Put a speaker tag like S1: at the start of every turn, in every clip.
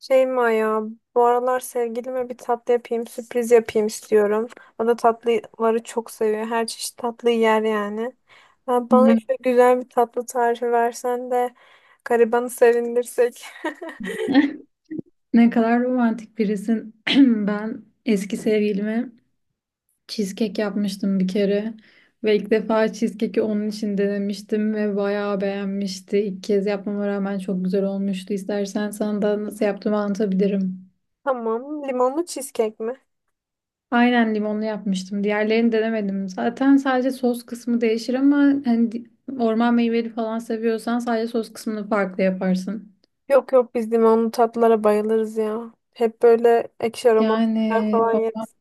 S1: Şeyma ya, bu aralar sevgilime bir tatlı yapayım, sürpriz yapayım istiyorum. O da tatlıları çok seviyor. Her çeşit tatlı yer yani. Ha, bana
S2: Hmm.
S1: şöyle güzel bir tatlı tarifi versen de garibanı sevindirsek.
S2: Ne kadar romantik birisin. Ben eski sevgilime cheesecake yapmıştım bir kere. Ve ilk defa cheesecake'i onun için denemiştim ve bayağı beğenmişti. İlk kez yapmama rağmen çok güzel olmuştu. İstersen sana da nasıl yaptığımı anlatabilirim.
S1: Tamam, limonlu cheesecake mi?
S2: Aynen limonlu yapmıştım. Diğerlerini denemedim. Zaten sadece sos kısmı değişir ama hani di- orman meyveli falan seviyorsan sadece sos kısmını farklı yaparsın.
S1: Yok yok, biz limonlu tatlılara bayılırız ya. Hep böyle ekşi aromalı şeyler
S2: Yani
S1: falan
S2: o-
S1: yeriz.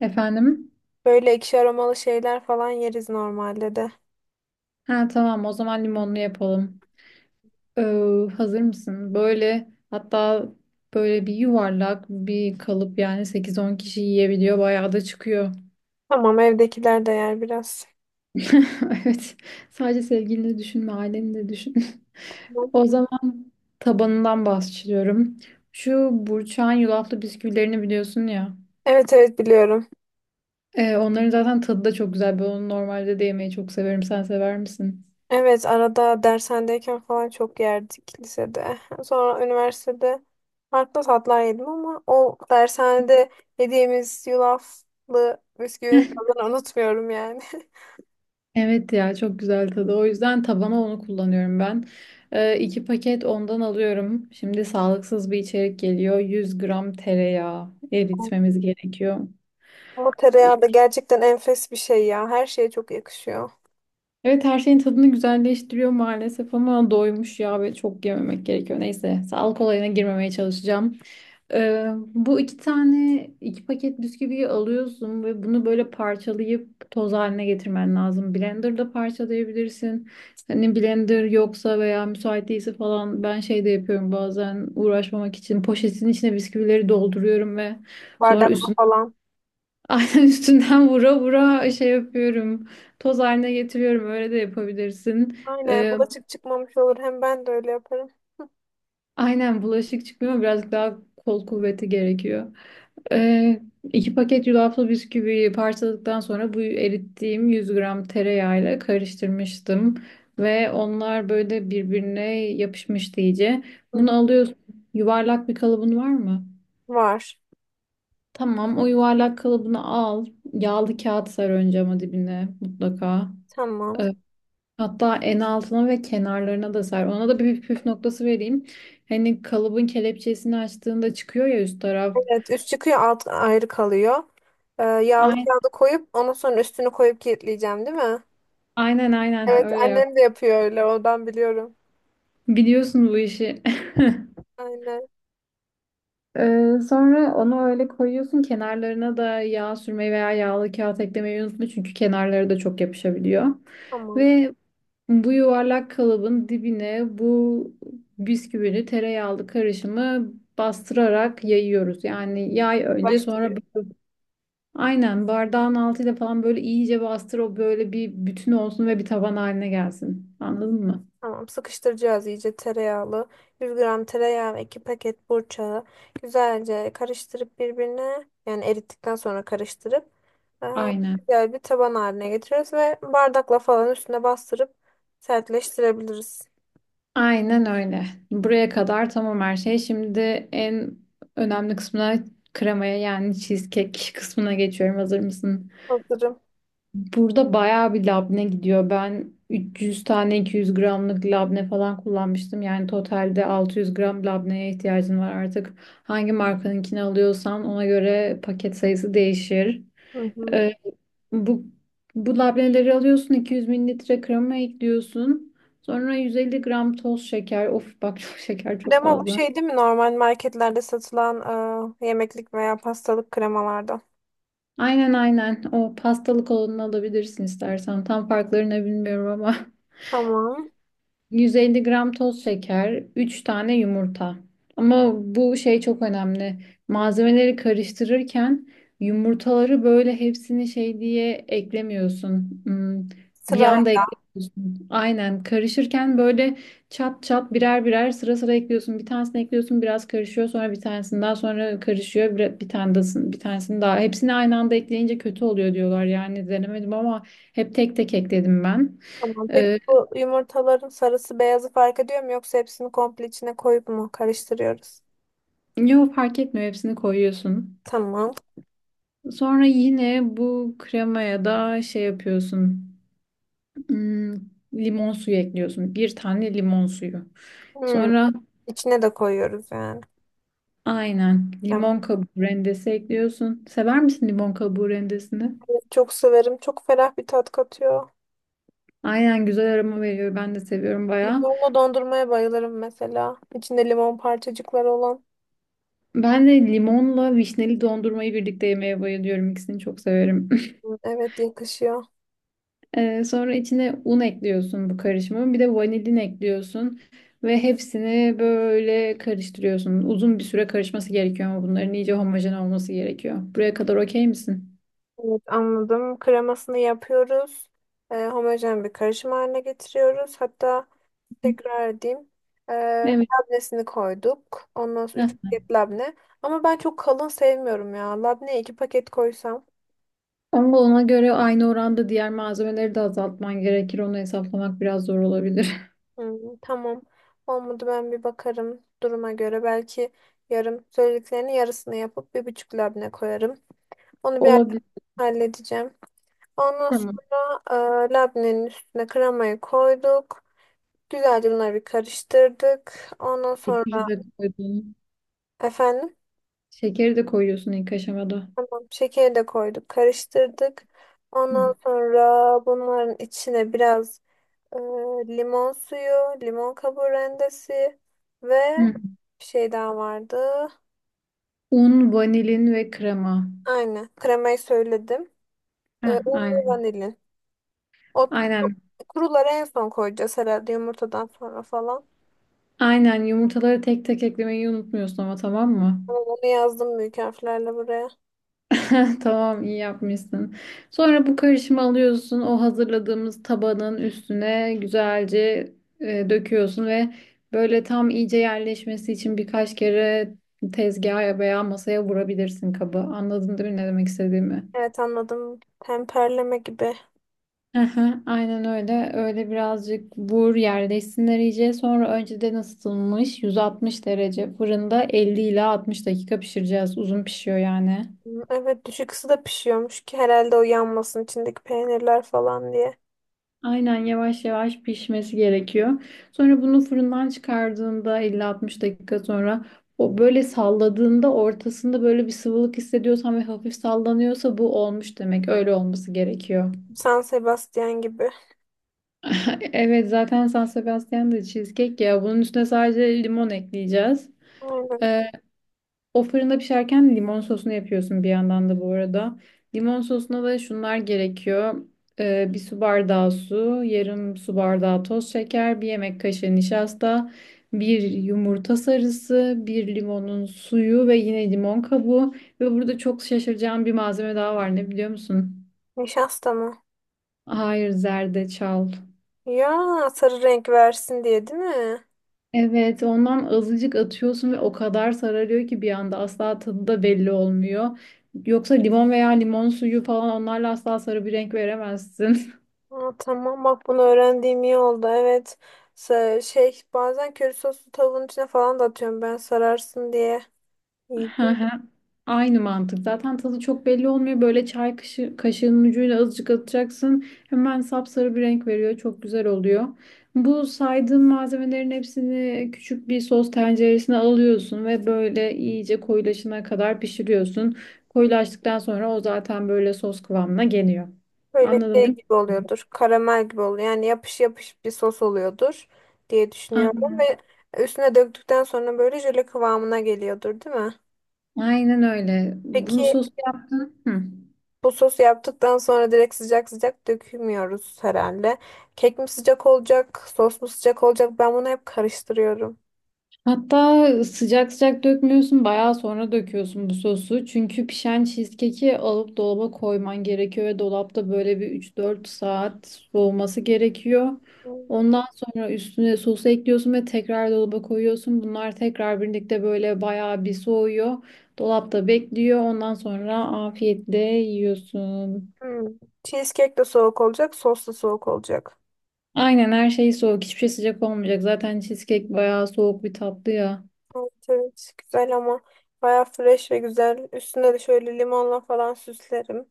S2: Efendim?
S1: Böyle ekşi aromalı şeyler falan yeriz normalde de.
S2: Ha tamam, o zaman limonlu yapalım. Hazır mısın? Böyle hatta böyle bir yuvarlak bir kalıp, yani 8-10 kişi yiyebiliyor. Bayağı da çıkıyor.
S1: Tamam, evdekiler de yer biraz.
S2: Evet. Sadece sevgilini düşünme, aileni de düşün.
S1: Tamam.
S2: O zaman tabanından bahsediyorum. Şu burçağın yulaflı bisküvilerini biliyorsun ya.
S1: Evet evet, biliyorum.
S2: Onların zaten tadı da çok güzel. Ben onu normalde de yemeyi çok severim. Sen sever misin?
S1: Evet, arada dershanedeyken falan çok yerdik lisede. Sonra üniversitede farklı tatlar yedim ama o dershanede yediğimiz yulaflı bisküvinin tadını unutmuyorum yani.
S2: Evet ya, çok güzel tadı. O yüzden tabana onu kullanıyorum ben. İki paket ondan alıyorum. Şimdi sağlıksız bir içerik geliyor. 100 gram tereyağı eritmemiz gerekiyor.
S1: Ama tereyağı da gerçekten enfes bir şey ya. Her şeye çok yakışıyor.
S2: Evet, her şeyin tadını güzelleştiriyor maalesef ama doymuş ya ve çok yememek gerekiyor. Neyse, sağlık olayına girmemeye çalışacağım. Bu iki tane iki paket bisküviyi alıyorsun ve bunu böyle parçalayıp toz haline getirmen lazım. Blender'da parçalayabilirsin. Hani blender yoksa veya müsait değilse falan ben şey de yapıyorum bazen, uğraşmamak için poşetin içine bisküvileri dolduruyorum ve sonra
S1: Bardakla
S2: üstüne
S1: falan.
S2: aynen üstünden vura vura şey yapıyorum. Toz haline getiriyorum, öyle de yapabilirsin.
S1: Aynen, bulaşık çıkmamış olur. Hem ben de öyle yaparım.
S2: Aynen bulaşık çıkmıyor ama birazcık daha kol kuvveti gerekiyor. Ee, iki paket yulaflı bisküvi parçaladıktan sonra bu erittiğim 100 gram tereyağıyla karıştırmıştım. Ve onlar böyle birbirine yapışmıştı iyice.
S1: Hı.
S2: Bunu alıyorsun. Yuvarlak bir kalıbın var mı?
S1: Var.
S2: Tamam, o yuvarlak kalıbını al. Yağlı kağıt sar önce ama dibine mutlaka.
S1: Tamam.
S2: Ee, Hatta en altına ve kenarlarına da ser. Ona da bir püf noktası vereyim. Hani kalıbın kelepçesini açtığında çıkıyor ya üst taraf.
S1: Evet, üst çıkıyor, alt ayrı kalıyor. Yağlı
S2: Aynen
S1: kağıdı koyup ondan sonra üstünü koyup kilitleyeceğim, değil mi?
S2: aynen,
S1: Evet,
S2: öyle yap.
S1: annem de yapıyor öyle, ondan biliyorum.
S2: Biliyorsun bu işi.
S1: Aynen.
S2: Sonra onu öyle koyuyorsun. Kenarlarına da yağ sürmeyi veya yağlı kağıt eklemeyi unutma. Çünkü kenarları da çok yapışabiliyor.
S1: Tamam.
S2: Ve bu yuvarlak kalıbın dibine bisküvili tereyağlı karışımı bastırarak yayıyoruz. Yani yay önce, sonra
S1: Başlıyor.
S2: bas. Aynen, bardağın altıyla falan böyle iyice bastır, o böyle bir bütün olsun ve bir taban haline gelsin. Anladın mı?
S1: Tamam, sıkıştıracağız iyice tereyağlı. 100 gram tereyağı ve 2 paket burçağı güzelce karıştırıp birbirine, yani erittikten sonra karıştırıp e,
S2: Aynen.
S1: güzel bir taban haline getiriyoruz ve bardakla falan üstüne bastırıp sertleştirebiliriz.
S2: Aynen öyle. Buraya kadar tamam her şey. Şimdi en önemli kısmına, kremaya, yani cheesecake kısmına geçiyorum. Hazır mısın?
S1: Hazırım.
S2: Burada bayağı bir labne gidiyor. Ben 300 tane 200 gramlık labne falan kullanmıştım. Yani totalde 600 gram labneye ihtiyacın var artık. Hangi markanınkini alıyorsan ona göre paket sayısı değişir.
S1: Hı hı.
S2: Ee, Bu, bu labneleri alıyorsun, 200 mililitre krema ekliyorsun. Sonra 150 gram toz şeker. Of bak çok şeker, çok
S1: Krema bu
S2: fazla.
S1: şey değil mi? Normal marketlerde satılan yemeklik veya pastalık kremalardan.
S2: Aynen. O pastalık olanını alabilirsin istersen. Tam farklarını bilmiyorum ama.
S1: Tamam.
S2: 150 gram toz şeker, 3 tane yumurta. Ama bu şey çok önemli. Malzemeleri karıştırırken yumurtaları böyle hepsini şey diye eklemiyorsun. Bir
S1: Sıra.
S2: anda eklemiyorsun. Aynen, karışırken böyle çat çat birer birer sıra sıra ekliyorsun. Bir tanesini ekliyorsun, biraz karışıyor, sonra bir tanesini daha, sonra karışıyor, bir tanesini daha. Hepsini aynı anda ekleyince kötü oluyor diyorlar, yani denemedim ama hep tek tek ekledim ben.
S1: Tamam. Peki
S2: Ee,
S1: bu yumurtaların sarısı beyazı fark ediyor mu, yoksa hepsini komple içine koyup mu karıştırıyoruz?
S2: Yok, fark etmiyor, hepsini koyuyorsun.
S1: Tamam.
S2: Sonra yine bu kremaya da şey yapıyorsun. Hmm, Limon suyu ekliyorsun. Bir tane limon suyu.
S1: Hmm.
S2: Sonra
S1: İçine de koyuyoruz yani.
S2: aynen
S1: Ben
S2: limon kabuğu rendesi ekliyorsun. Sever misin limon kabuğu rendesini?
S1: çok severim. Çok ferah bir tat katıyor.
S2: Aynen, güzel aroma veriyor. Ben de seviyorum bayağı.
S1: Limonlu dondurmaya bayılırım mesela. İçinde limon parçacıkları olan.
S2: Ben de limonla vişneli dondurmayı birlikte yemeye bayılıyorum. İkisini çok severim.
S1: Hmm, evet, yakışıyor.
S2: Sonra içine un ekliyorsun bu karışımın. Bir de vanilin ekliyorsun. Ve hepsini böyle karıştırıyorsun. Uzun bir süre karışması gerekiyor ama bunların iyice homojen olması gerekiyor. Buraya kadar okey misin?
S1: Evet, anladım. Kremasını yapıyoruz. Homojen bir karışım haline getiriyoruz. Hatta tekrar edeyim. Ee,
S2: Evet.
S1: labnesini koyduk. Ondan sonra
S2: Heh.
S1: 3 paket labne. Ama ben çok kalın sevmiyorum ya. Labneye 2 paket koysam.
S2: Ama ona göre aynı oranda diğer malzemeleri de azaltman gerekir. Onu hesaplamak biraz zor olabilir.
S1: Hmm, tamam. Olmadı, ben bir bakarım duruma göre. Belki söylediklerinin yarısını yapıp bir buçuk labne koyarım. Onu bir ara
S2: Olabilir.
S1: halledeceğim. Ondan
S2: Tamam.
S1: sonra labnenin üstüne kremayı koyduk. Güzelce bunları bir karıştırdık. Ondan sonra
S2: Şekeri de koydun.
S1: efendim.
S2: Şekeri de koyuyorsun ilk aşamada.
S1: Tamam, şekeri de koyduk, karıştırdık.
S2: Hı.
S1: Ondan sonra bunların içine biraz e, limon suyu, limon kabuğu rendesi ve
S2: Hı.
S1: bir şey daha vardı.
S2: Un, vanilin ve krema.
S1: Aynen, kremayı söyledim. E,
S2: Heh,
S1: un ve
S2: aynen.
S1: vanilin. O kuru-
S2: Aynen.
S1: Kuruları en son koyacağız herhalde, yumurtadan sonra falan.
S2: Aynen, yumurtaları tek tek eklemeyi unutmuyorsun ama, tamam mı?
S1: Ama onu yazdım büyük harflerle buraya.
S2: Tamam, iyi yapmışsın. Sonra bu karışımı alıyorsun. O hazırladığımız tabanın üstüne güzelce döküyorsun ve böyle tam iyice yerleşmesi için birkaç kere tezgaha veya masaya vurabilirsin kabı. Anladın değil mi ne demek istediğimi?
S1: Evet, anladım. Temperleme gibi.
S2: Aha, aynen öyle. Öyle birazcık vur, yerleşsinler iyice. Sonra önceden ısıtılmış 160 derece fırında 50 ila 60 dakika pişireceğiz. Uzun pişiyor yani.
S1: Hı, evet, düşük ısıda pişiyormuş ki herhalde, o yanmasın içindeki peynirler falan diye.
S2: Aynen, yavaş yavaş pişmesi gerekiyor. Sonra bunu fırından çıkardığında, 50-60 dakika sonra, o böyle salladığında ortasında böyle bir sıvılık hissediyorsan ve hafif sallanıyorsa bu olmuş demek. Öyle olması gerekiyor.
S1: San Sebastian gibi.
S2: Evet, zaten San Sebastian da cheesecake ya. Bunun üstüne sadece limon ekleyeceğiz.
S1: Aynen.
S2: Ee, O fırında pişerken limon sosunu yapıyorsun bir yandan da bu arada. Limon sosuna da şunlar gerekiyor. Bir su bardağı su, yarım su bardağı toz şeker, bir yemek kaşığı nişasta, bir yumurta sarısı, bir limonun suyu ve yine limon kabuğu. Ve burada çok şaşıracağım bir malzeme daha var. Ne biliyor musun?
S1: Nişasta mı?
S2: Hayır, zerdeçal.
S1: Ya, sarı renk versin diye, değil mi?
S2: Evet, ondan azıcık atıyorsun ve o kadar sararıyor ki bir anda, asla tadı da belli olmuyor. Yoksa limon veya limon suyu falan, onlarla asla sarı bir renk veremezsin.
S1: Aa, tamam, bak bunu öğrendiğim iyi oldu. Evet. Şey, bazen köri soslu tavuğun içine falan da atıyorum ben, sararsın diye. İyi.
S2: Hı hı. Aynı mantık. Zaten tadı çok belli olmuyor. Böyle çay kaşı, kaşığının ucuyla azıcık atacaksın. Hemen sapsarı bir renk veriyor. Çok güzel oluyor. Bu saydığım malzemelerin hepsini küçük bir sos tenceresine alıyorsun ve böyle iyice koyulaşana kadar pişiriyorsun. Koyulaştıktan sonra o zaten böyle sos kıvamına geliyor.
S1: Böyle
S2: Anladın
S1: şey
S2: değil
S1: gibi
S2: mi?
S1: oluyordur. Karamel gibi oluyor. Yani yapış yapış bir sos oluyordur diye
S2: A-
S1: düşünüyorum ve üstüne döktükten sonra böyle jöle kıvamına geliyordur, değil mi?
S2: Aynen öyle. Bunu
S1: Peki,
S2: sos yaptın. Hı.
S1: bu sosu yaptıktan sonra direkt sıcak sıcak dökmüyoruz herhalde. Kek mi sıcak olacak, sos mu sıcak olacak? Ben bunu hep karıştırıyorum.
S2: Hatta sıcak sıcak dökmüyorsun, bayağı sonra döküyorsun bu sosu. Çünkü pişen cheesecake'i alıp dolaba koyman gerekiyor ve dolapta böyle bir 3-4 saat soğuması gerekiyor.
S1: Hmm.
S2: Ondan sonra üstüne sosu ekliyorsun ve tekrar dolaba koyuyorsun. Bunlar tekrar birlikte böyle bayağı bir soğuyor. Dolapta bekliyor. Ondan sonra afiyetle yiyorsun.
S1: Hmm. Cheesecake de soğuk olacak, sos da soğuk olacak.
S2: Aynen, her şey soğuk. Hiçbir şey sıcak olmayacak. Zaten cheesecake bayağı soğuk bir tatlı ya.
S1: Evet, evet. Güzel ama bayağı fresh ve güzel. Üstüne de şöyle limonla falan süslerim.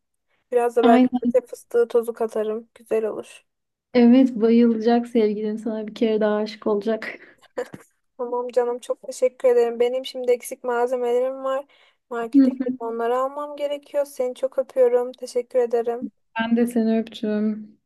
S1: Biraz da belki köte fıstığı tozu katarım. Güzel olur.
S2: Evet, bayılacak sevgilin, sana bir kere daha aşık olacak.
S1: Tamam canım, çok teşekkür ederim. Benim şimdi eksik malzemelerim var. Markete gidip onları almam gerekiyor. Seni çok öpüyorum. Teşekkür ederim.
S2: Ben de seni öptüm.